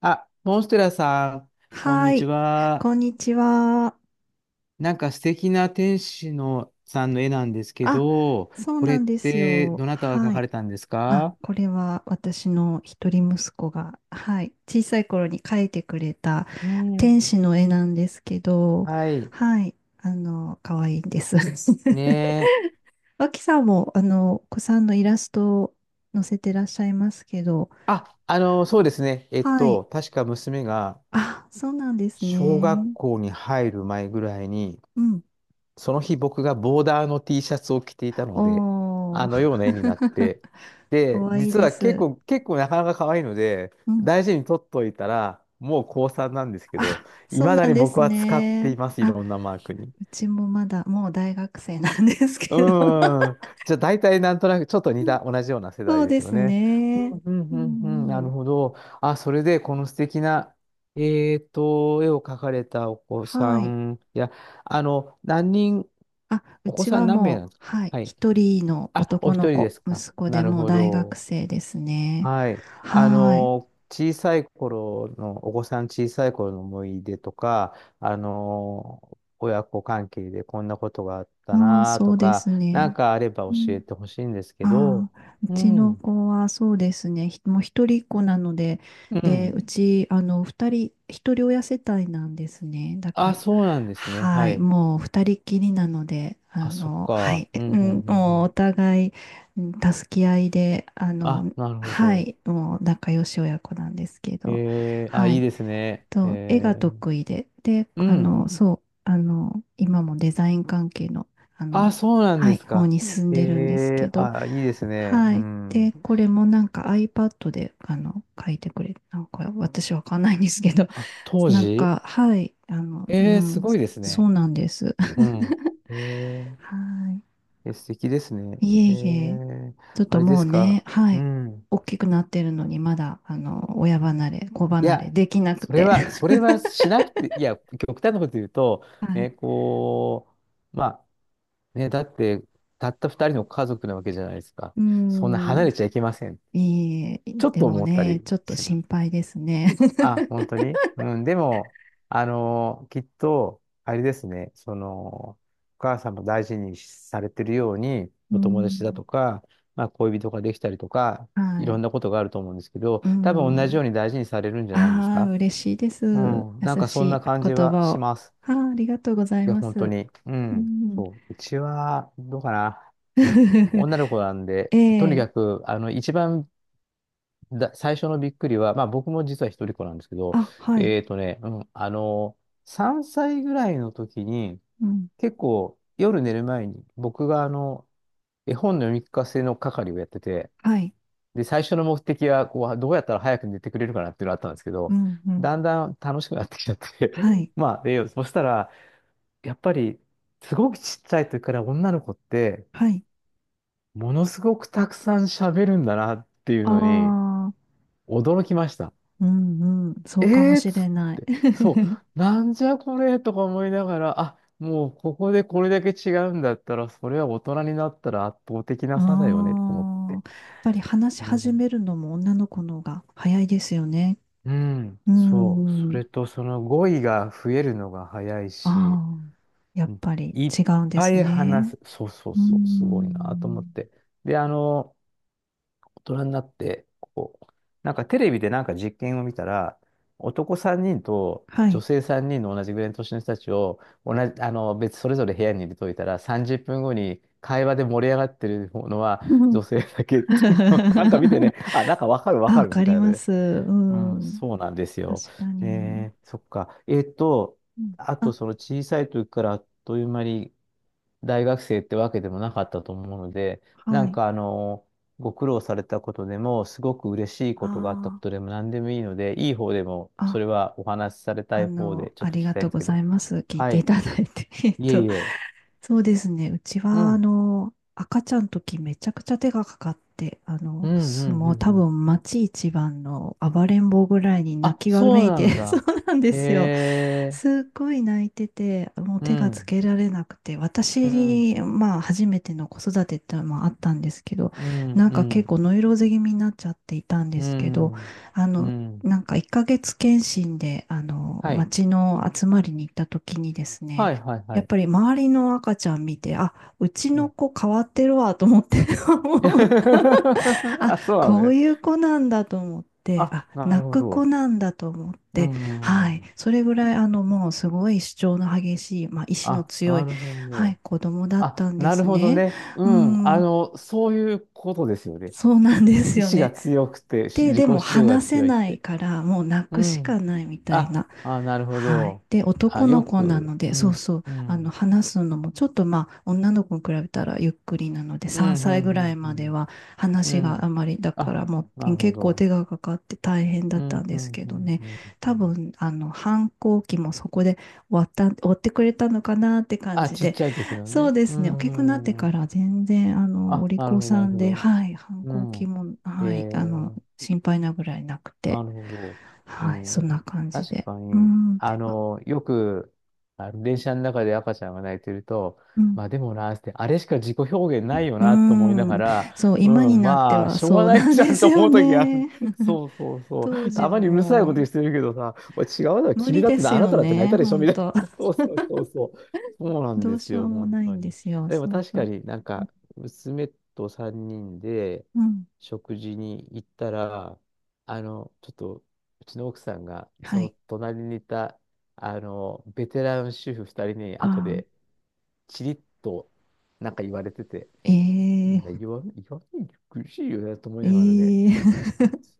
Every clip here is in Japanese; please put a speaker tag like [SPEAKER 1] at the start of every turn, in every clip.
[SPEAKER 1] あ、モンステラさん、こん
[SPEAKER 2] は
[SPEAKER 1] にち
[SPEAKER 2] い。こ
[SPEAKER 1] は。
[SPEAKER 2] んにちは。
[SPEAKER 1] なんか素敵な天使のさんの絵なんですけ
[SPEAKER 2] あ、
[SPEAKER 1] ど、
[SPEAKER 2] そう
[SPEAKER 1] これ
[SPEAKER 2] な
[SPEAKER 1] っ
[SPEAKER 2] んです
[SPEAKER 1] て
[SPEAKER 2] よ。
[SPEAKER 1] どなたが描
[SPEAKER 2] は
[SPEAKER 1] か
[SPEAKER 2] い。
[SPEAKER 1] れたんです
[SPEAKER 2] あ、
[SPEAKER 1] か？
[SPEAKER 2] これは私の一人息子が、はい。小さい頃に描いてくれた
[SPEAKER 1] う
[SPEAKER 2] 天
[SPEAKER 1] ん。
[SPEAKER 2] 使の絵なんですけど、
[SPEAKER 1] はい。
[SPEAKER 2] はい。可愛いんです。
[SPEAKER 1] ね え。
[SPEAKER 2] 脇さんも、お子さんのイラストを載せてらっしゃいますけど、
[SPEAKER 1] あ、そうですね。
[SPEAKER 2] はい。
[SPEAKER 1] 確か娘が
[SPEAKER 2] あ、そうなんです
[SPEAKER 1] 小学
[SPEAKER 2] ね。
[SPEAKER 1] 校に入る前ぐらいに、
[SPEAKER 2] うん。
[SPEAKER 1] その日僕がボーダーの T シャツを着ていたので、
[SPEAKER 2] お
[SPEAKER 1] あのような絵になっ
[SPEAKER 2] ー。
[SPEAKER 1] て、で、
[SPEAKER 2] 可愛いい
[SPEAKER 1] 実
[SPEAKER 2] で
[SPEAKER 1] は結
[SPEAKER 2] す。
[SPEAKER 1] 構、結構なかなか可愛いので、
[SPEAKER 2] うん
[SPEAKER 1] 大事に取っといたら、もう高3なんですけど、
[SPEAKER 2] あ、
[SPEAKER 1] い
[SPEAKER 2] そう
[SPEAKER 1] まだ
[SPEAKER 2] なん
[SPEAKER 1] に
[SPEAKER 2] で
[SPEAKER 1] 僕
[SPEAKER 2] す
[SPEAKER 1] は使ってい
[SPEAKER 2] ね。
[SPEAKER 1] ます、い
[SPEAKER 2] あ、
[SPEAKER 1] ろんなマークに。
[SPEAKER 2] うちもまだ、もう大学生なんです
[SPEAKER 1] う
[SPEAKER 2] けど。
[SPEAKER 1] じゃあ大体なんとなくちょっと似 た、同じような世
[SPEAKER 2] そ
[SPEAKER 1] 代
[SPEAKER 2] う
[SPEAKER 1] で
[SPEAKER 2] で
[SPEAKER 1] すよ
[SPEAKER 2] す
[SPEAKER 1] ね。う
[SPEAKER 2] ね。
[SPEAKER 1] んう
[SPEAKER 2] う
[SPEAKER 1] んうんうん、な
[SPEAKER 2] んう
[SPEAKER 1] る
[SPEAKER 2] ん。
[SPEAKER 1] ほど。あ、それでこの素敵な、絵を描かれたお子さ
[SPEAKER 2] はい。
[SPEAKER 1] ん、あの、何人、
[SPEAKER 2] あ、う
[SPEAKER 1] お子
[SPEAKER 2] ち
[SPEAKER 1] さ
[SPEAKER 2] は
[SPEAKER 1] ん何名
[SPEAKER 2] も
[SPEAKER 1] なん
[SPEAKER 2] う、
[SPEAKER 1] ですか？
[SPEAKER 2] はい。
[SPEAKER 1] はい。
[SPEAKER 2] 一人の
[SPEAKER 1] あ、お
[SPEAKER 2] 男の
[SPEAKER 1] 一人で
[SPEAKER 2] 子、
[SPEAKER 1] すか。
[SPEAKER 2] 息子
[SPEAKER 1] な
[SPEAKER 2] で
[SPEAKER 1] る
[SPEAKER 2] もう
[SPEAKER 1] ほ
[SPEAKER 2] 大学
[SPEAKER 1] ど。
[SPEAKER 2] 生ですね。
[SPEAKER 1] はい。
[SPEAKER 2] はい。
[SPEAKER 1] 小さい頃の、お子さん小さい頃の思い出とか、親子関係でこんなことがあっ
[SPEAKER 2] う
[SPEAKER 1] た
[SPEAKER 2] ん、
[SPEAKER 1] な
[SPEAKER 2] そ
[SPEAKER 1] と
[SPEAKER 2] うで
[SPEAKER 1] か、
[SPEAKER 2] す
[SPEAKER 1] なん
[SPEAKER 2] ね。
[SPEAKER 1] かあれば
[SPEAKER 2] う
[SPEAKER 1] 教え
[SPEAKER 2] ん
[SPEAKER 1] てほしいんですけど。
[SPEAKER 2] ああ、う
[SPEAKER 1] う
[SPEAKER 2] ちの
[SPEAKER 1] ん。
[SPEAKER 2] 子はそうですね、もう一人っ子なので、
[SPEAKER 1] う
[SPEAKER 2] で、
[SPEAKER 1] ん。
[SPEAKER 2] うち、二人、一人親世帯なんですね。だか
[SPEAKER 1] あ、
[SPEAKER 2] ら、
[SPEAKER 1] そうなんですね。
[SPEAKER 2] は
[SPEAKER 1] は
[SPEAKER 2] い、
[SPEAKER 1] い。
[SPEAKER 2] もう二人っきりなので、
[SPEAKER 1] あ、そっ
[SPEAKER 2] は
[SPEAKER 1] か。
[SPEAKER 2] い、
[SPEAKER 1] う
[SPEAKER 2] え
[SPEAKER 1] ん、う
[SPEAKER 2] う
[SPEAKER 1] ん、う
[SPEAKER 2] ん、
[SPEAKER 1] ん、
[SPEAKER 2] も
[SPEAKER 1] う
[SPEAKER 2] うお
[SPEAKER 1] ん。
[SPEAKER 2] 互い、うん助け合いで、
[SPEAKER 1] あ、なるほ
[SPEAKER 2] は
[SPEAKER 1] ど。
[SPEAKER 2] い、もう仲良し親子なんですけど、
[SPEAKER 1] えー、あ、
[SPEAKER 2] は
[SPEAKER 1] いい
[SPEAKER 2] い。
[SPEAKER 1] ですね。
[SPEAKER 2] そう、絵が
[SPEAKER 1] えー、
[SPEAKER 2] 得意で、で、
[SPEAKER 1] うん。
[SPEAKER 2] そう、今もデザイン関係の、あ
[SPEAKER 1] あ、
[SPEAKER 2] の、
[SPEAKER 1] そうなん
[SPEAKER 2] は
[SPEAKER 1] で
[SPEAKER 2] い、
[SPEAKER 1] す
[SPEAKER 2] 方
[SPEAKER 1] か。
[SPEAKER 2] に進ん
[SPEAKER 1] え
[SPEAKER 2] でるんですけ
[SPEAKER 1] え、
[SPEAKER 2] ど、
[SPEAKER 1] あ、いいですね。
[SPEAKER 2] は
[SPEAKER 1] う
[SPEAKER 2] い。
[SPEAKER 1] ん。
[SPEAKER 2] で、これもなんか iPad で、書いてくれ、なんか私わかんないんですけど、
[SPEAKER 1] あ、当
[SPEAKER 2] なん
[SPEAKER 1] 時
[SPEAKER 2] か、はい、
[SPEAKER 1] ええ、すごいです
[SPEAKER 2] そ
[SPEAKER 1] ね。
[SPEAKER 2] うなんです。
[SPEAKER 1] う ん。ええ、
[SPEAKER 2] は
[SPEAKER 1] え、素敵ですね。
[SPEAKER 2] い。いえ
[SPEAKER 1] え
[SPEAKER 2] いえ、
[SPEAKER 1] え、
[SPEAKER 2] ちょっ
[SPEAKER 1] あ
[SPEAKER 2] と
[SPEAKER 1] れで
[SPEAKER 2] もう
[SPEAKER 1] す
[SPEAKER 2] ね、
[SPEAKER 1] か。
[SPEAKER 2] は
[SPEAKER 1] う
[SPEAKER 2] い、
[SPEAKER 1] ん。
[SPEAKER 2] 大きくなってるのに、まだ、親離れ、子
[SPEAKER 1] い
[SPEAKER 2] 離れ
[SPEAKER 1] や、
[SPEAKER 2] できなく
[SPEAKER 1] それ
[SPEAKER 2] て。
[SPEAKER 1] は、そ れはしなくて、いや、極端なこと言うと、
[SPEAKER 2] はい。
[SPEAKER 1] ね、こう、まあ、ね、だって、たった二人の家族なわけじゃないですか。
[SPEAKER 2] う
[SPEAKER 1] そんな離
[SPEAKER 2] ん。
[SPEAKER 1] れちゃいけません。
[SPEAKER 2] いい、
[SPEAKER 1] ちょっ
[SPEAKER 2] で
[SPEAKER 1] と
[SPEAKER 2] も
[SPEAKER 1] 思った
[SPEAKER 2] ね、
[SPEAKER 1] り
[SPEAKER 2] ちょっと
[SPEAKER 1] しま
[SPEAKER 2] 心
[SPEAKER 1] す。
[SPEAKER 2] 配ですね。
[SPEAKER 1] あ、本当に。うん、でも、きっと、あれですね、その、お母さんも大事にされてるように、
[SPEAKER 2] う
[SPEAKER 1] お友達だ
[SPEAKER 2] ん。
[SPEAKER 1] とか、まあ、恋人ができたりとか、い
[SPEAKER 2] は
[SPEAKER 1] ろ
[SPEAKER 2] い。
[SPEAKER 1] んなことがあると思うんですけど、
[SPEAKER 2] う
[SPEAKER 1] 多分同じ
[SPEAKER 2] ん。
[SPEAKER 1] ように大事にされるんじゃないんです
[SPEAKER 2] ああ、
[SPEAKER 1] か？
[SPEAKER 2] 嬉しいです。
[SPEAKER 1] う
[SPEAKER 2] 優
[SPEAKER 1] ん、なんか
[SPEAKER 2] し
[SPEAKER 1] そんな
[SPEAKER 2] い
[SPEAKER 1] 感じ
[SPEAKER 2] 言
[SPEAKER 1] は
[SPEAKER 2] 葉
[SPEAKER 1] し
[SPEAKER 2] を。
[SPEAKER 1] ます。
[SPEAKER 2] ああ、ありがとうござい
[SPEAKER 1] いや、
[SPEAKER 2] ま
[SPEAKER 1] 本当
[SPEAKER 2] す。
[SPEAKER 1] に。う
[SPEAKER 2] う
[SPEAKER 1] ん、
[SPEAKER 2] ん。
[SPEAKER 1] そう。うちは、どうかな。女の子なんで、
[SPEAKER 2] え
[SPEAKER 1] とに
[SPEAKER 2] え。
[SPEAKER 1] かく、一番だ、最初のびっくりは、まあ僕も実は一人っ子なんですけど、
[SPEAKER 2] あ、はい。
[SPEAKER 1] うん、3歳ぐらいの時に、
[SPEAKER 2] うん。
[SPEAKER 1] 結構夜寝る前に、僕が絵本の読み聞かせの係をやってて、
[SPEAKER 2] はい。
[SPEAKER 1] で、最初の目的は、こう、どうやったら早く寝てくれるかなっていうのがあったんですけ
[SPEAKER 2] う
[SPEAKER 1] ど、
[SPEAKER 2] ん、うん。
[SPEAKER 1] だんだん楽しくなってきちゃって
[SPEAKER 2] はい。
[SPEAKER 1] まあ、で、そしたら、やっぱり、すごくちっちゃい時から女の子って、
[SPEAKER 2] はい。
[SPEAKER 1] ものすごくたくさん喋るんだなっていう
[SPEAKER 2] あ
[SPEAKER 1] のに、
[SPEAKER 2] あ、
[SPEAKER 1] 驚きました。
[SPEAKER 2] うん、うん。そ
[SPEAKER 1] え
[SPEAKER 2] うかも
[SPEAKER 1] ーっ
[SPEAKER 2] し
[SPEAKER 1] つ
[SPEAKER 2] れ
[SPEAKER 1] っ
[SPEAKER 2] ない。
[SPEAKER 1] て、そ う、なんじゃこれとか思いながら、あ、もうここでこれだけ違うんだったら、それは大人になったら圧倒的な差だよねと思って。
[SPEAKER 2] ああ、やっぱり話し
[SPEAKER 1] う
[SPEAKER 2] 始
[SPEAKER 1] ん、
[SPEAKER 2] めるのも女の子の方が早いですよね。
[SPEAKER 1] うん
[SPEAKER 2] う
[SPEAKER 1] そう、そ
[SPEAKER 2] ん。
[SPEAKER 1] れとその語彙が増えるのが早いし、
[SPEAKER 2] ああ、やっ
[SPEAKER 1] うん
[SPEAKER 2] ぱり
[SPEAKER 1] いっ
[SPEAKER 2] 違うんで
[SPEAKER 1] ぱ
[SPEAKER 2] す
[SPEAKER 1] い話
[SPEAKER 2] ね。
[SPEAKER 1] す、そうそう
[SPEAKER 2] うー
[SPEAKER 1] そう、すごいなと思っ
[SPEAKER 2] ん。
[SPEAKER 1] て。で、大人になって、こう、なんかテレビでなんか実験を見たら、男3人と
[SPEAKER 2] は
[SPEAKER 1] 女
[SPEAKER 2] い。
[SPEAKER 1] 性3人の同じぐらいの年の人たちを、同じ、あの、別、それぞれ部屋に入れといたら、30分後に会話で盛り上がってるのは
[SPEAKER 2] うん
[SPEAKER 1] 女性だけっていうのを、なんか見て ね、あ、なんかわかるわ
[SPEAKER 2] あ、
[SPEAKER 1] か
[SPEAKER 2] わ
[SPEAKER 1] る
[SPEAKER 2] か
[SPEAKER 1] みた
[SPEAKER 2] り
[SPEAKER 1] いな
[SPEAKER 2] ま
[SPEAKER 1] ね。
[SPEAKER 2] す。う
[SPEAKER 1] うん、
[SPEAKER 2] ん。
[SPEAKER 1] そうなんですよ。
[SPEAKER 2] 確かに。
[SPEAKER 1] ねえ、そっか。
[SPEAKER 2] うん
[SPEAKER 1] あと
[SPEAKER 2] あ、
[SPEAKER 1] その小さい時からあっという間に大学生ってわけでもなかったと思うので、な
[SPEAKER 2] は
[SPEAKER 1] ん
[SPEAKER 2] い。
[SPEAKER 1] かあの、ご苦労されたことでも、すごく嬉しいことがあった
[SPEAKER 2] あ
[SPEAKER 1] ことでも何でもいいので、いい方でも、
[SPEAKER 2] あ、
[SPEAKER 1] それ
[SPEAKER 2] あ、
[SPEAKER 1] はお話しされたい方で、ちょっ
[SPEAKER 2] あ
[SPEAKER 1] と聞
[SPEAKER 2] り
[SPEAKER 1] き
[SPEAKER 2] が
[SPEAKER 1] たいん
[SPEAKER 2] とう
[SPEAKER 1] です
[SPEAKER 2] ご
[SPEAKER 1] け
[SPEAKER 2] ざ
[SPEAKER 1] ど。
[SPEAKER 2] います。聞い
[SPEAKER 1] は
[SPEAKER 2] てい
[SPEAKER 1] い。
[SPEAKER 2] ただいて。
[SPEAKER 1] いえいえ。
[SPEAKER 2] そうですね。うち
[SPEAKER 1] う
[SPEAKER 2] は、
[SPEAKER 1] ん。
[SPEAKER 2] 赤ちゃんの時めちゃくちゃ手がかかって、
[SPEAKER 1] うん、うん、う
[SPEAKER 2] もう
[SPEAKER 1] ん、
[SPEAKER 2] 多
[SPEAKER 1] うん。
[SPEAKER 2] 分町一番の暴れん坊ぐらいに泣
[SPEAKER 1] あ、
[SPEAKER 2] きわ
[SPEAKER 1] そう
[SPEAKER 2] めい
[SPEAKER 1] な
[SPEAKER 2] て、
[SPEAKER 1] ん
[SPEAKER 2] そう
[SPEAKER 1] だ。
[SPEAKER 2] なんで
[SPEAKER 1] へ
[SPEAKER 2] すよ。
[SPEAKER 1] え。
[SPEAKER 2] すっごい泣いてて、もう
[SPEAKER 1] う
[SPEAKER 2] 手がつ
[SPEAKER 1] ん。
[SPEAKER 2] けられなくて、
[SPEAKER 1] う
[SPEAKER 2] 私
[SPEAKER 1] ん。
[SPEAKER 2] に、まあ、初めての子育てってのもあったんですけど、
[SPEAKER 1] うん。
[SPEAKER 2] なん
[SPEAKER 1] う
[SPEAKER 2] か結
[SPEAKER 1] ん。
[SPEAKER 2] 構ノイローゼ気味になっちゃっていたんで
[SPEAKER 1] う
[SPEAKER 2] すけど、
[SPEAKER 1] ん。
[SPEAKER 2] あ
[SPEAKER 1] う
[SPEAKER 2] の、
[SPEAKER 1] ん。
[SPEAKER 2] なんか1ヶ月検診で、
[SPEAKER 1] はい。
[SPEAKER 2] 町の集まりに行った時にですね、
[SPEAKER 1] はい、はい、は
[SPEAKER 2] やっ
[SPEAKER 1] い。
[SPEAKER 2] ぱり周りの赤ちゃん見て、あ、うち
[SPEAKER 1] う
[SPEAKER 2] の
[SPEAKER 1] ん。
[SPEAKER 2] 子変わってるわと思って、も うあ、
[SPEAKER 1] あ、そうなの
[SPEAKER 2] こう
[SPEAKER 1] ね。
[SPEAKER 2] いう子なんだと思って、
[SPEAKER 1] あ、
[SPEAKER 2] あ、
[SPEAKER 1] なる
[SPEAKER 2] 泣
[SPEAKER 1] ほ
[SPEAKER 2] く子
[SPEAKER 1] ど。
[SPEAKER 2] なんだと思っ
[SPEAKER 1] う
[SPEAKER 2] て、はい。
[SPEAKER 1] ん。
[SPEAKER 2] それぐらい、もうすごい主張の激しい、まあ、意志の
[SPEAKER 1] あ、
[SPEAKER 2] 強
[SPEAKER 1] な
[SPEAKER 2] い、
[SPEAKER 1] るほ
[SPEAKER 2] はい、
[SPEAKER 1] ど。
[SPEAKER 2] 子供だっ
[SPEAKER 1] あ、
[SPEAKER 2] たんで
[SPEAKER 1] なる
[SPEAKER 2] す
[SPEAKER 1] ほど
[SPEAKER 2] ね。
[SPEAKER 1] ね。う
[SPEAKER 2] う
[SPEAKER 1] ん。あ
[SPEAKER 2] ん、
[SPEAKER 1] の、そういうことですよね。
[SPEAKER 2] そうなんです
[SPEAKER 1] 意
[SPEAKER 2] よ
[SPEAKER 1] 志が
[SPEAKER 2] ね。
[SPEAKER 1] 強くて、し自己
[SPEAKER 2] で
[SPEAKER 1] 主
[SPEAKER 2] も
[SPEAKER 1] 張が
[SPEAKER 2] 話せ
[SPEAKER 1] 強いっ
[SPEAKER 2] ない
[SPEAKER 1] て。
[SPEAKER 2] から、もう泣
[SPEAKER 1] う
[SPEAKER 2] くし
[SPEAKER 1] ん。
[SPEAKER 2] かないみたい
[SPEAKER 1] あ、
[SPEAKER 2] な。
[SPEAKER 1] あ、なるほ
[SPEAKER 2] はい。
[SPEAKER 1] ど。
[SPEAKER 2] で、
[SPEAKER 1] あ、
[SPEAKER 2] 男の
[SPEAKER 1] よ
[SPEAKER 2] 子な
[SPEAKER 1] く、
[SPEAKER 2] ので、
[SPEAKER 1] う
[SPEAKER 2] そう
[SPEAKER 1] ん、
[SPEAKER 2] そう、
[SPEAKER 1] うん。
[SPEAKER 2] 話すのも、ちょっとまあ、女の子に比べたらゆっくりなので、
[SPEAKER 1] うん、
[SPEAKER 2] 3
[SPEAKER 1] う
[SPEAKER 2] 歳ぐらい
[SPEAKER 1] ん、う
[SPEAKER 2] まで
[SPEAKER 1] ん、
[SPEAKER 2] は
[SPEAKER 1] う
[SPEAKER 2] 話
[SPEAKER 1] ん。う
[SPEAKER 2] があ
[SPEAKER 1] ん
[SPEAKER 2] まり、だか
[SPEAKER 1] あ、
[SPEAKER 2] らも
[SPEAKER 1] な
[SPEAKER 2] う
[SPEAKER 1] るほ
[SPEAKER 2] 結構
[SPEAKER 1] ど。
[SPEAKER 2] 手がかかって大変だ
[SPEAKER 1] う
[SPEAKER 2] ったん
[SPEAKER 1] ん、
[SPEAKER 2] で
[SPEAKER 1] う
[SPEAKER 2] す
[SPEAKER 1] ん、
[SPEAKER 2] け
[SPEAKER 1] う
[SPEAKER 2] ど
[SPEAKER 1] ん、
[SPEAKER 2] ね、
[SPEAKER 1] うん。う
[SPEAKER 2] 多
[SPEAKER 1] ん
[SPEAKER 2] 分、反抗期もそこで終わってくれたのかなって感
[SPEAKER 1] あ、
[SPEAKER 2] じ
[SPEAKER 1] ちっ
[SPEAKER 2] で、
[SPEAKER 1] ちゃい時の
[SPEAKER 2] そう
[SPEAKER 1] ね。
[SPEAKER 2] で
[SPEAKER 1] う
[SPEAKER 2] すね、大きくなって
[SPEAKER 1] ん、うん。う
[SPEAKER 2] か
[SPEAKER 1] ん
[SPEAKER 2] ら全然、お
[SPEAKER 1] あ、
[SPEAKER 2] 利
[SPEAKER 1] なる
[SPEAKER 2] 口
[SPEAKER 1] ほど、な
[SPEAKER 2] さ
[SPEAKER 1] る
[SPEAKER 2] ん
[SPEAKER 1] ほ
[SPEAKER 2] で、
[SPEAKER 1] ど。
[SPEAKER 2] はい、反
[SPEAKER 1] う
[SPEAKER 2] 抗
[SPEAKER 1] ん。
[SPEAKER 2] 期も、
[SPEAKER 1] へ
[SPEAKER 2] はい、
[SPEAKER 1] え
[SPEAKER 2] 心配なぐらいなく
[SPEAKER 1] な
[SPEAKER 2] て、
[SPEAKER 1] るほど。う
[SPEAKER 2] はい、そんな
[SPEAKER 1] ん。
[SPEAKER 2] 感じ
[SPEAKER 1] 確
[SPEAKER 2] で。
[SPEAKER 1] か
[SPEAKER 2] う
[SPEAKER 1] に、
[SPEAKER 2] ん、
[SPEAKER 1] あの電車の中で赤ちゃんが泣いてると、
[SPEAKER 2] うん、
[SPEAKER 1] まあでもな、つってあれしか自己表現ないよなと思いな
[SPEAKER 2] う
[SPEAKER 1] が
[SPEAKER 2] ん、
[SPEAKER 1] ら、
[SPEAKER 2] そう、今
[SPEAKER 1] う
[SPEAKER 2] に
[SPEAKER 1] ん、
[SPEAKER 2] なって
[SPEAKER 1] まあ、
[SPEAKER 2] は
[SPEAKER 1] しょうが
[SPEAKER 2] そう
[SPEAKER 1] な
[SPEAKER 2] な
[SPEAKER 1] い
[SPEAKER 2] ん
[SPEAKER 1] じゃ
[SPEAKER 2] で
[SPEAKER 1] ん
[SPEAKER 2] す
[SPEAKER 1] と
[SPEAKER 2] よ
[SPEAKER 1] 思う時がある。
[SPEAKER 2] ね。
[SPEAKER 1] そうそうそ
[SPEAKER 2] 当
[SPEAKER 1] う。
[SPEAKER 2] 時
[SPEAKER 1] たま
[SPEAKER 2] は
[SPEAKER 1] にうるさいこと
[SPEAKER 2] も
[SPEAKER 1] してるけどさ、おい違うだろ、
[SPEAKER 2] う無
[SPEAKER 1] 君
[SPEAKER 2] 理
[SPEAKER 1] だっ
[SPEAKER 2] で
[SPEAKER 1] て
[SPEAKER 2] す
[SPEAKER 1] な、あな
[SPEAKER 2] よ
[SPEAKER 1] ただって泣い
[SPEAKER 2] ね、
[SPEAKER 1] たでしょ
[SPEAKER 2] 本
[SPEAKER 1] みたい
[SPEAKER 2] 当。
[SPEAKER 1] な。そうそうそうそう。そうなん
[SPEAKER 2] ど
[SPEAKER 1] で
[SPEAKER 2] う
[SPEAKER 1] す
[SPEAKER 2] しよ
[SPEAKER 1] よ、
[SPEAKER 2] うも
[SPEAKER 1] 本
[SPEAKER 2] ない
[SPEAKER 1] 当
[SPEAKER 2] んで
[SPEAKER 1] に。
[SPEAKER 2] すよ、
[SPEAKER 1] でも
[SPEAKER 2] そう
[SPEAKER 1] 確
[SPEAKER 2] そ
[SPEAKER 1] か
[SPEAKER 2] う。
[SPEAKER 1] になんか、娘と3人で
[SPEAKER 2] うん、
[SPEAKER 1] 食事に行ったら、あの、ちょっと、うちの奥さんが、そ
[SPEAKER 2] は
[SPEAKER 1] の
[SPEAKER 2] い。
[SPEAKER 1] 隣にいた、ベテラン主婦二人に、
[SPEAKER 2] あ
[SPEAKER 1] 後
[SPEAKER 2] あ、
[SPEAKER 1] で、チリッと、なんか言われてて、みん
[SPEAKER 2] え
[SPEAKER 1] な
[SPEAKER 2] え
[SPEAKER 1] 言わないで苦しいよね、と思いながらね、
[SPEAKER 2] ええ
[SPEAKER 1] うん、なん つ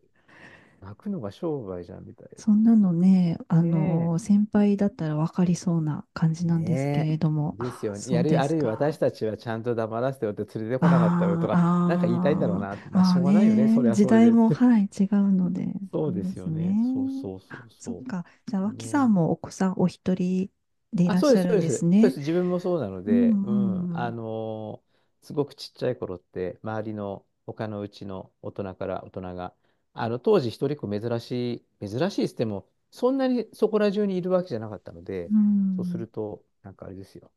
[SPEAKER 1] 泣くのが商売じゃん、みたい
[SPEAKER 2] そんなのね、
[SPEAKER 1] な。ね
[SPEAKER 2] 先輩だったら分かりそうな感
[SPEAKER 1] え、
[SPEAKER 2] じなんですけ
[SPEAKER 1] ねえ。
[SPEAKER 2] れども、
[SPEAKER 1] です
[SPEAKER 2] ああ
[SPEAKER 1] よね。
[SPEAKER 2] そ
[SPEAKER 1] や
[SPEAKER 2] う
[SPEAKER 1] る、
[SPEAKER 2] で
[SPEAKER 1] あ
[SPEAKER 2] す
[SPEAKER 1] るいは私
[SPEAKER 2] か。
[SPEAKER 1] たちはちゃんと黙らせてよって連れてこなかったよと
[SPEAKER 2] ああ、
[SPEAKER 1] か、なんか言いたいんだろう
[SPEAKER 2] あ
[SPEAKER 1] なって、
[SPEAKER 2] あ、
[SPEAKER 1] まあ、
[SPEAKER 2] あ
[SPEAKER 1] し
[SPEAKER 2] あ
[SPEAKER 1] ょうがないよね、そ
[SPEAKER 2] ね、
[SPEAKER 1] れは
[SPEAKER 2] 時
[SPEAKER 1] それ
[SPEAKER 2] 代
[SPEAKER 1] でっ
[SPEAKER 2] も、
[SPEAKER 1] て。
[SPEAKER 2] は い、違うので、
[SPEAKER 1] そう
[SPEAKER 2] そう
[SPEAKER 1] で
[SPEAKER 2] で
[SPEAKER 1] す
[SPEAKER 2] す
[SPEAKER 1] よ
[SPEAKER 2] ね。
[SPEAKER 1] ね。そうそうそ
[SPEAKER 2] あ
[SPEAKER 1] う
[SPEAKER 2] そっ
[SPEAKER 1] そ
[SPEAKER 2] か。じゃあ、
[SPEAKER 1] う。
[SPEAKER 2] 脇さ
[SPEAKER 1] ね
[SPEAKER 2] ん
[SPEAKER 1] え。
[SPEAKER 2] もお子さんお一人でい
[SPEAKER 1] あ、
[SPEAKER 2] らっ
[SPEAKER 1] そう
[SPEAKER 2] し
[SPEAKER 1] で
[SPEAKER 2] ゃ
[SPEAKER 1] す、そ
[SPEAKER 2] る
[SPEAKER 1] う
[SPEAKER 2] ん
[SPEAKER 1] です。
[SPEAKER 2] です
[SPEAKER 1] そうで
[SPEAKER 2] ね。
[SPEAKER 1] す。自分もそうなの
[SPEAKER 2] う
[SPEAKER 1] で、うん。
[SPEAKER 2] ん、うん、
[SPEAKER 1] すごくちっちゃい頃って、周りの他のうちの大人から大人が、当時一人っ子珍しいっつっても、そんなにそこら中にいるわけじゃなかったの
[SPEAKER 2] う
[SPEAKER 1] で、そうす
[SPEAKER 2] ん。
[SPEAKER 1] ると、なんかあれですよ。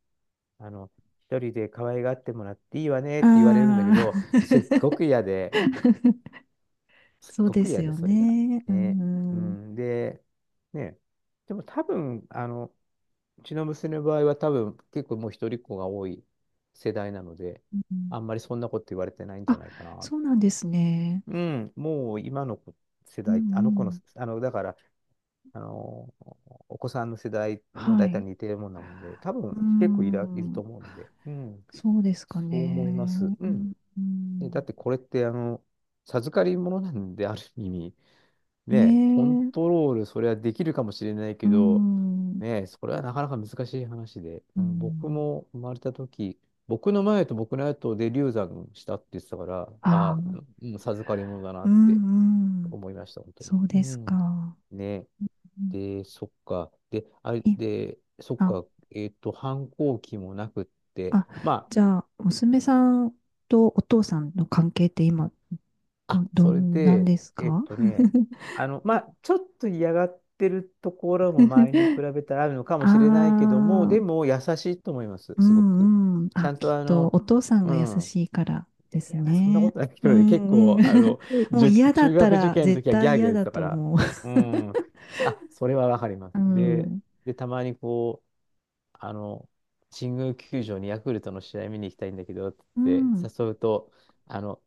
[SPEAKER 1] あの、一人で可愛がってもらっていいわねっ
[SPEAKER 2] あ
[SPEAKER 1] て言われるんだけど、
[SPEAKER 2] あ、
[SPEAKER 1] すっ
[SPEAKER 2] そう
[SPEAKER 1] ご
[SPEAKER 2] で
[SPEAKER 1] く
[SPEAKER 2] す
[SPEAKER 1] 嫌で、
[SPEAKER 2] よ
[SPEAKER 1] それが。
[SPEAKER 2] ね。う
[SPEAKER 1] ね。う
[SPEAKER 2] ん、う
[SPEAKER 1] ん、で、ね。でも多分、うちの娘の場合は多分結構もう一人っ子が多い世代なので、あん
[SPEAKER 2] ん。
[SPEAKER 1] まりそんなこと言われてないんじゃ
[SPEAKER 2] あ、
[SPEAKER 1] ないかな。
[SPEAKER 2] そうなんですね。
[SPEAKER 1] うん、もう今の子世
[SPEAKER 2] うん、う
[SPEAKER 1] 代、あの子の、
[SPEAKER 2] ん。
[SPEAKER 1] あの、だから、あの、お子さんの世代も
[SPEAKER 2] は
[SPEAKER 1] 大体
[SPEAKER 2] い。
[SPEAKER 1] 似てるもんなもんで、多分
[SPEAKER 2] う
[SPEAKER 1] 結構いると
[SPEAKER 2] ん、
[SPEAKER 1] 思うので、うん、
[SPEAKER 2] そうですか
[SPEAKER 1] そう思います。
[SPEAKER 2] ね。
[SPEAKER 1] う
[SPEAKER 2] う
[SPEAKER 1] ん。
[SPEAKER 2] ん、う
[SPEAKER 1] でだっ
[SPEAKER 2] ん。
[SPEAKER 1] てこれって、授かり物なんで、ある意味、
[SPEAKER 2] ね
[SPEAKER 1] ね、コン
[SPEAKER 2] え。
[SPEAKER 1] トロール、それはできるかもしれない
[SPEAKER 2] う
[SPEAKER 1] けど、
[SPEAKER 2] ん。
[SPEAKER 1] ね、それはなかなか難しい話で、
[SPEAKER 2] う
[SPEAKER 1] うん、僕
[SPEAKER 2] ん。
[SPEAKER 1] も生まれた時、僕の前と僕の後で流産したって言ってたから、あ
[SPEAKER 2] あ
[SPEAKER 1] あ、
[SPEAKER 2] あ、
[SPEAKER 1] うん、授かり物だな
[SPEAKER 2] う
[SPEAKER 1] って
[SPEAKER 2] んうん。
[SPEAKER 1] 思いました、本当に。
[SPEAKER 2] そう
[SPEAKER 1] う
[SPEAKER 2] です
[SPEAKER 1] ん。
[SPEAKER 2] か。
[SPEAKER 1] ね、
[SPEAKER 2] うん
[SPEAKER 1] で、そっか。で、あれ、
[SPEAKER 2] い
[SPEAKER 1] で、そっ
[SPEAKER 2] あ、
[SPEAKER 1] か、えっと、反抗期もなくって、
[SPEAKER 2] あ、
[SPEAKER 1] まあ、
[SPEAKER 2] じゃあ、娘さんとお父さんの関係って今、
[SPEAKER 1] あ、
[SPEAKER 2] ど
[SPEAKER 1] それ
[SPEAKER 2] んなん
[SPEAKER 1] で、
[SPEAKER 2] です
[SPEAKER 1] えっ
[SPEAKER 2] か？
[SPEAKER 1] と ね、ちょっと嫌がってるところも前に比べたらあるのかもしれない
[SPEAKER 2] あ
[SPEAKER 1] けども、で
[SPEAKER 2] あ、
[SPEAKER 1] も優しいと思います、
[SPEAKER 2] う
[SPEAKER 1] すごく。
[SPEAKER 2] んうん。
[SPEAKER 1] ちゃ
[SPEAKER 2] あ、
[SPEAKER 1] ん
[SPEAKER 2] き
[SPEAKER 1] と
[SPEAKER 2] っ
[SPEAKER 1] あ
[SPEAKER 2] と
[SPEAKER 1] の、
[SPEAKER 2] お父さん
[SPEAKER 1] う
[SPEAKER 2] が優
[SPEAKER 1] ん。
[SPEAKER 2] しいから
[SPEAKER 1] い
[SPEAKER 2] で
[SPEAKER 1] や、い
[SPEAKER 2] す
[SPEAKER 1] やまあそんなこ
[SPEAKER 2] ね。
[SPEAKER 1] とないけ
[SPEAKER 2] う
[SPEAKER 1] どね、結
[SPEAKER 2] んうん。
[SPEAKER 1] 構、
[SPEAKER 2] もう
[SPEAKER 1] 受
[SPEAKER 2] 嫌だ
[SPEAKER 1] 中
[SPEAKER 2] った
[SPEAKER 1] 学受
[SPEAKER 2] ら
[SPEAKER 1] 験の
[SPEAKER 2] 絶
[SPEAKER 1] 時はギ
[SPEAKER 2] 対
[SPEAKER 1] ャーギャー
[SPEAKER 2] 嫌
[SPEAKER 1] 言って
[SPEAKER 2] だ
[SPEAKER 1] たか
[SPEAKER 2] と
[SPEAKER 1] ら、
[SPEAKER 2] 思う。
[SPEAKER 1] うん。あ、それはわかります。
[SPEAKER 2] う
[SPEAKER 1] で、
[SPEAKER 2] ん。
[SPEAKER 1] で、たまにこう、あの、神宮球場にヤクルトの試合見に行きたいんだけどっ
[SPEAKER 2] う
[SPEAKER 1] て
[SPEAKER 2] ん。
[SPEAKER 1] 誘うと、あの、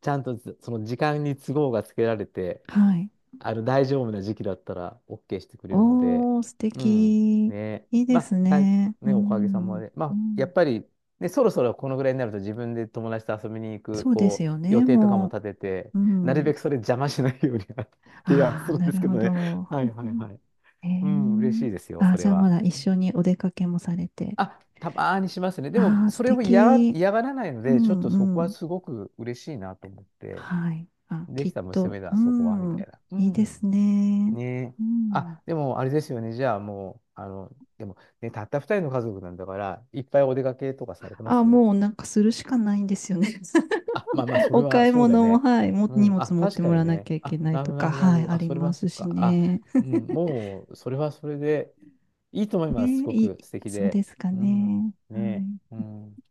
[SPEAKER 1] ちゃんとその時間に都合がつけられて、
[SPEAKER 2] はい。
[SPEAKER 1] あの大丈夫な時期だったら OK してくれるので、
[SPEAKER 2] おー、素
[SPEAKER 1] うん、
[SPEAKER 2] 敵。
[SPEAKER 1] ね、
[SPEAKER 2] いいです
[SPEAKER 1] まあ、はい、
[SPEAKER 2] ね。う
[SPEAKER 1] ね、おかげさ
[SPEAKER 2] ん。
[SPEAKER 1] まで、ま
[SPEAKER 2] う
[SPEAKER 1] あ、や
[SPEAKER 2] ん。
[SPEAKER 1] っぱり、ね、そろそろこのぐらいになると自分で友達と遊びに行く、
[SPEAKER 2] そうです
[SPEAKER 1] こう、
[SPEAKER 2] よ
[SPEAKER 1] 予
[SPEAKER 2] ね、
[SPEAKER 1] 定とかも
[SPEAKER 2] も
[SPEAKER 1] 立てて、
[SPEAKER 2] う。う
[SPEAKER 1] なるべ
[SPEAKER 2] ん。
[SPEAKER 1] くそれ邪魔しないように 提案
[SPEAKER 2] ああ、
[SPEAKER 1] するん
[SPEAKER 2] な
[SPEAKER 1] で
[SPEAKER 2] る
[SPEAKER 1] すけ
[SPEAKER 2] ほ
[SPEAKER 1] どね。
[SPEAKER 2] ど。
[SPEAKER 1] はいはい はい。
[SPEAKER 2] え
[SPEAKER 1] うん、嬉
[SPEAKER 2] ー
[SPEAKER 1] しいですよ、そ
[SPEAKER 2] じ
[SPEAKER 1] れ
[SPEAKER 2] ゃあ
[SPEAKER 1] は。
[SPEAKER 2] まだ一緒にお出かけもされて。
[SPEAKER 1] あ、たまーにしますね。でも、
[SPEAKER 2] ああ、素
[SPEAKER 1] それを
[SPEAKER 2] 敵。
[SPEAKER 1] 嫌がらないの
[SPEAKER 2] う
[SPEAKER 1] で、ちょっとそ
[SPEAKER 2] ん
[SPEAKER 1] こ
[SPEAKER 2] う
[SPEAKER 1] は
[SPEAKER 2] ん。
[SPEAKER 1] すごく嬉しいなと思って。
[SPEAKER 2] はい。あ、
[SPEAKER 1] で
[SPEAKER 2] きっ
[SPEAKER 1] きた
[SPEAKER 2] と。
[SPEAKER 1] 娘
[SPEAKER 2] う
[SPEAKER 1] だ、そこは、み
[SPEAKER 2] ん。
[SPEAKER 1] たいな。う
[SPEAKER 2] いいで
[SPEAKER 1] ん。
[SPEAKER 2] すね。
[SPEAKER 1] ねえ。
[SPEAKER 2] うん。
[SPEAKER 1] あ、でも、あれですよね。じゃあ、もう、あの、でも、ね、たった二人の家族なんだから、いっぱいお出かけとかされてま
[SPEAKER 2] あ、
[SPEAKER 1] す？
[SPEAKER 2] もうなんかするしかないんですよね。
[SPEAKER 1] あ、まあまあ、それ
[SPEAKER 2] お
[SPEAKER 1] は
[SPEAKER 2] 買い
[SPEAKER 1] そうだよ
[SPEAKER 2] 物も、
[SPEAKER 1] ね。
[SPEAKER 2] はい、も、
[SPEAKER 1] う
[SPEAKER 2] 荷
[SPEAKER 1] ん。あ、
[SPEAKER 2] 物持っ
[SPEAKER 1] 確
[SPEAKER 2] て
[SPEAKER 1] か
[SPEAKER 2] もら
[SPEAKER 1] に
[SPEAKER 2] わな
[SPEAKER 1] ね。
[SPEAKER 2] きゃいけ
[SPEAKER 1] あ、
[SPEAKER 2] ない
[SPEAKER 1] なる
[SPEAKER 2] と
[SPEAKER 1] ほど、な
[SPEAKER 2] か、
[SPEAKER 1] るほど、なる
[SPEAKER 2] は
[SPEAKER 1] ほ
[SPEAKER 2] い、
[SPEAKER 1] ど。
[SPEAKER 2] あ
[SPEAKER 1] あ、
[SPEAKER 2] り
[SPEAKER 1] それ
[SPEAKER 2] ま
[SPEAKER 1] はそ
[SPEAKER 2] す
[SPEAKER 1] っ
[SPEAKER 2] し
[SPEAKER 1] か。あ、
[SPEAKER 2] ね。
[SPEAKER 1] うん。もう、それはそれで、いいと思います。す
[SPEAKER 2] ねえ
[SPEAKER 1] ご
[SPEAKER 2] いい、
[SPEAKER 1] く素敵
[SPEAKER 2] そう
[SPEAKER 1] で。
[SPEAKER 2] ですか
[SPEAKER 1] うん。
[SPEAKER 2] ね。は
[SPEAKER 1] ねえ。う
[SPEAKER 2] い。
[SPEAKER 1] ん。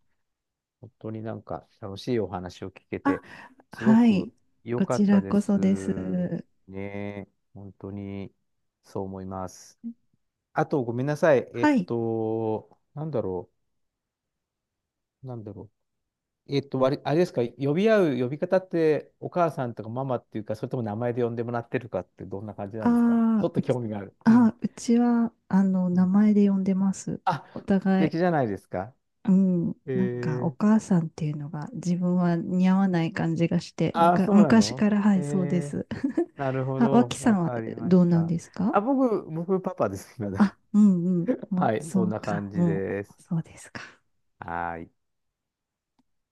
[SPEAKER 1] 本当になんか楽しいお話を聞け
[SPEAKER 2] あ、
[SPEAKER 1] て、すご
[SPEAKER 2] はい。
[SPEAKER 1] く良
[SPEAKER 2] こ
[SPEAKER 1] か
[SPEAKER 2] ち
[SPEAKER 1] った
[SPEAKER 2] ら
[SPEAKER 1] で
[SPEAKER 2] こそです。
[SPEAKER 1] す。ねえ、本当にそう思います。あと、ごめんなさい。
[SPEAKER 2] はい。
[SPEAKER 1] なんだろう。えっと、わりあれですか、呼び合う呼び方って、お母さんとかママっていうか、それとも名前で呼んでもらってるかって、どんな感じなんですか？ちょ
[SPEAKER 2] あ
[SPEAKER 1] っ
[SPEAKER 2] ー
[SPEAKER 1] と
[SPEAKER 2] う
[SPEAKER 1] 興
[SPEAKER 2] ち、
[SPEAKER 1] 味がある。うん。
[SPEAKER 2] うちは、
[SPEAKER 1] う
[SPEAKER 2] 名
[SPEAKER 1] ん。
[SPEAKER 2] 前で呼んでます。
[SPEAKER 1] あ、
[SPEAKER 2] お
[SPEAKER 1] 素
[SPEAKER 2] 互い。
[SPEAKER 1] 敵じゃないですか。
[SPEAKER 2] うん。
[SPEAKER 1] え
[SPEAKER 2] なんか、お
[SPEAKER 1] ー、
[SPEAKER 2] 母さんっていうのが自分は似合わない感じがして、
[SPEAKER 1] あ、そうな
[SPEAKER 2] 昔
[SPEAKER 1] の
[SPEAKER 2] から、は
[SPEAKER 1] え
[SPEAKER 2] い、そうで
[SPEAKER 1] ー
[SPEAKER 2] す。
[SPEAKER 1] なる ほ
[SPEAKER 2] あ、
[SPEAKER 1] ど。
[SPEAKER 2] 脇さ
[SPEAKER 1] わ
[SPEAKER 2] んは
[SPEAKER 1] かりま
[SPEAKER 2] ど
[SPEAKER 1] し
[SPEAKER 2] うなん
[SPEAKER 1] た。
[SPEAKER 2] ですか
[SPEAKER 1] あ、僕、パパです。今だ
[SPEAKER 2] あ、うんうん。も
[SPEAKER 1] は
[SPEAKER 2] う、
[SPEAKER 1] い、そ
[SPEAKER 2] そ
[SPEAKER 1] ん
[SPEAKER 2] う
[SPEAKER 1] な
[SPEAKER 2] か。
[SPEAKER 1] 感じ
[SPEAKER 2] もう、
[SPEAKER 1] です。
[SPEAKER 2] そうですか。
[SPEAKER 1] はーい。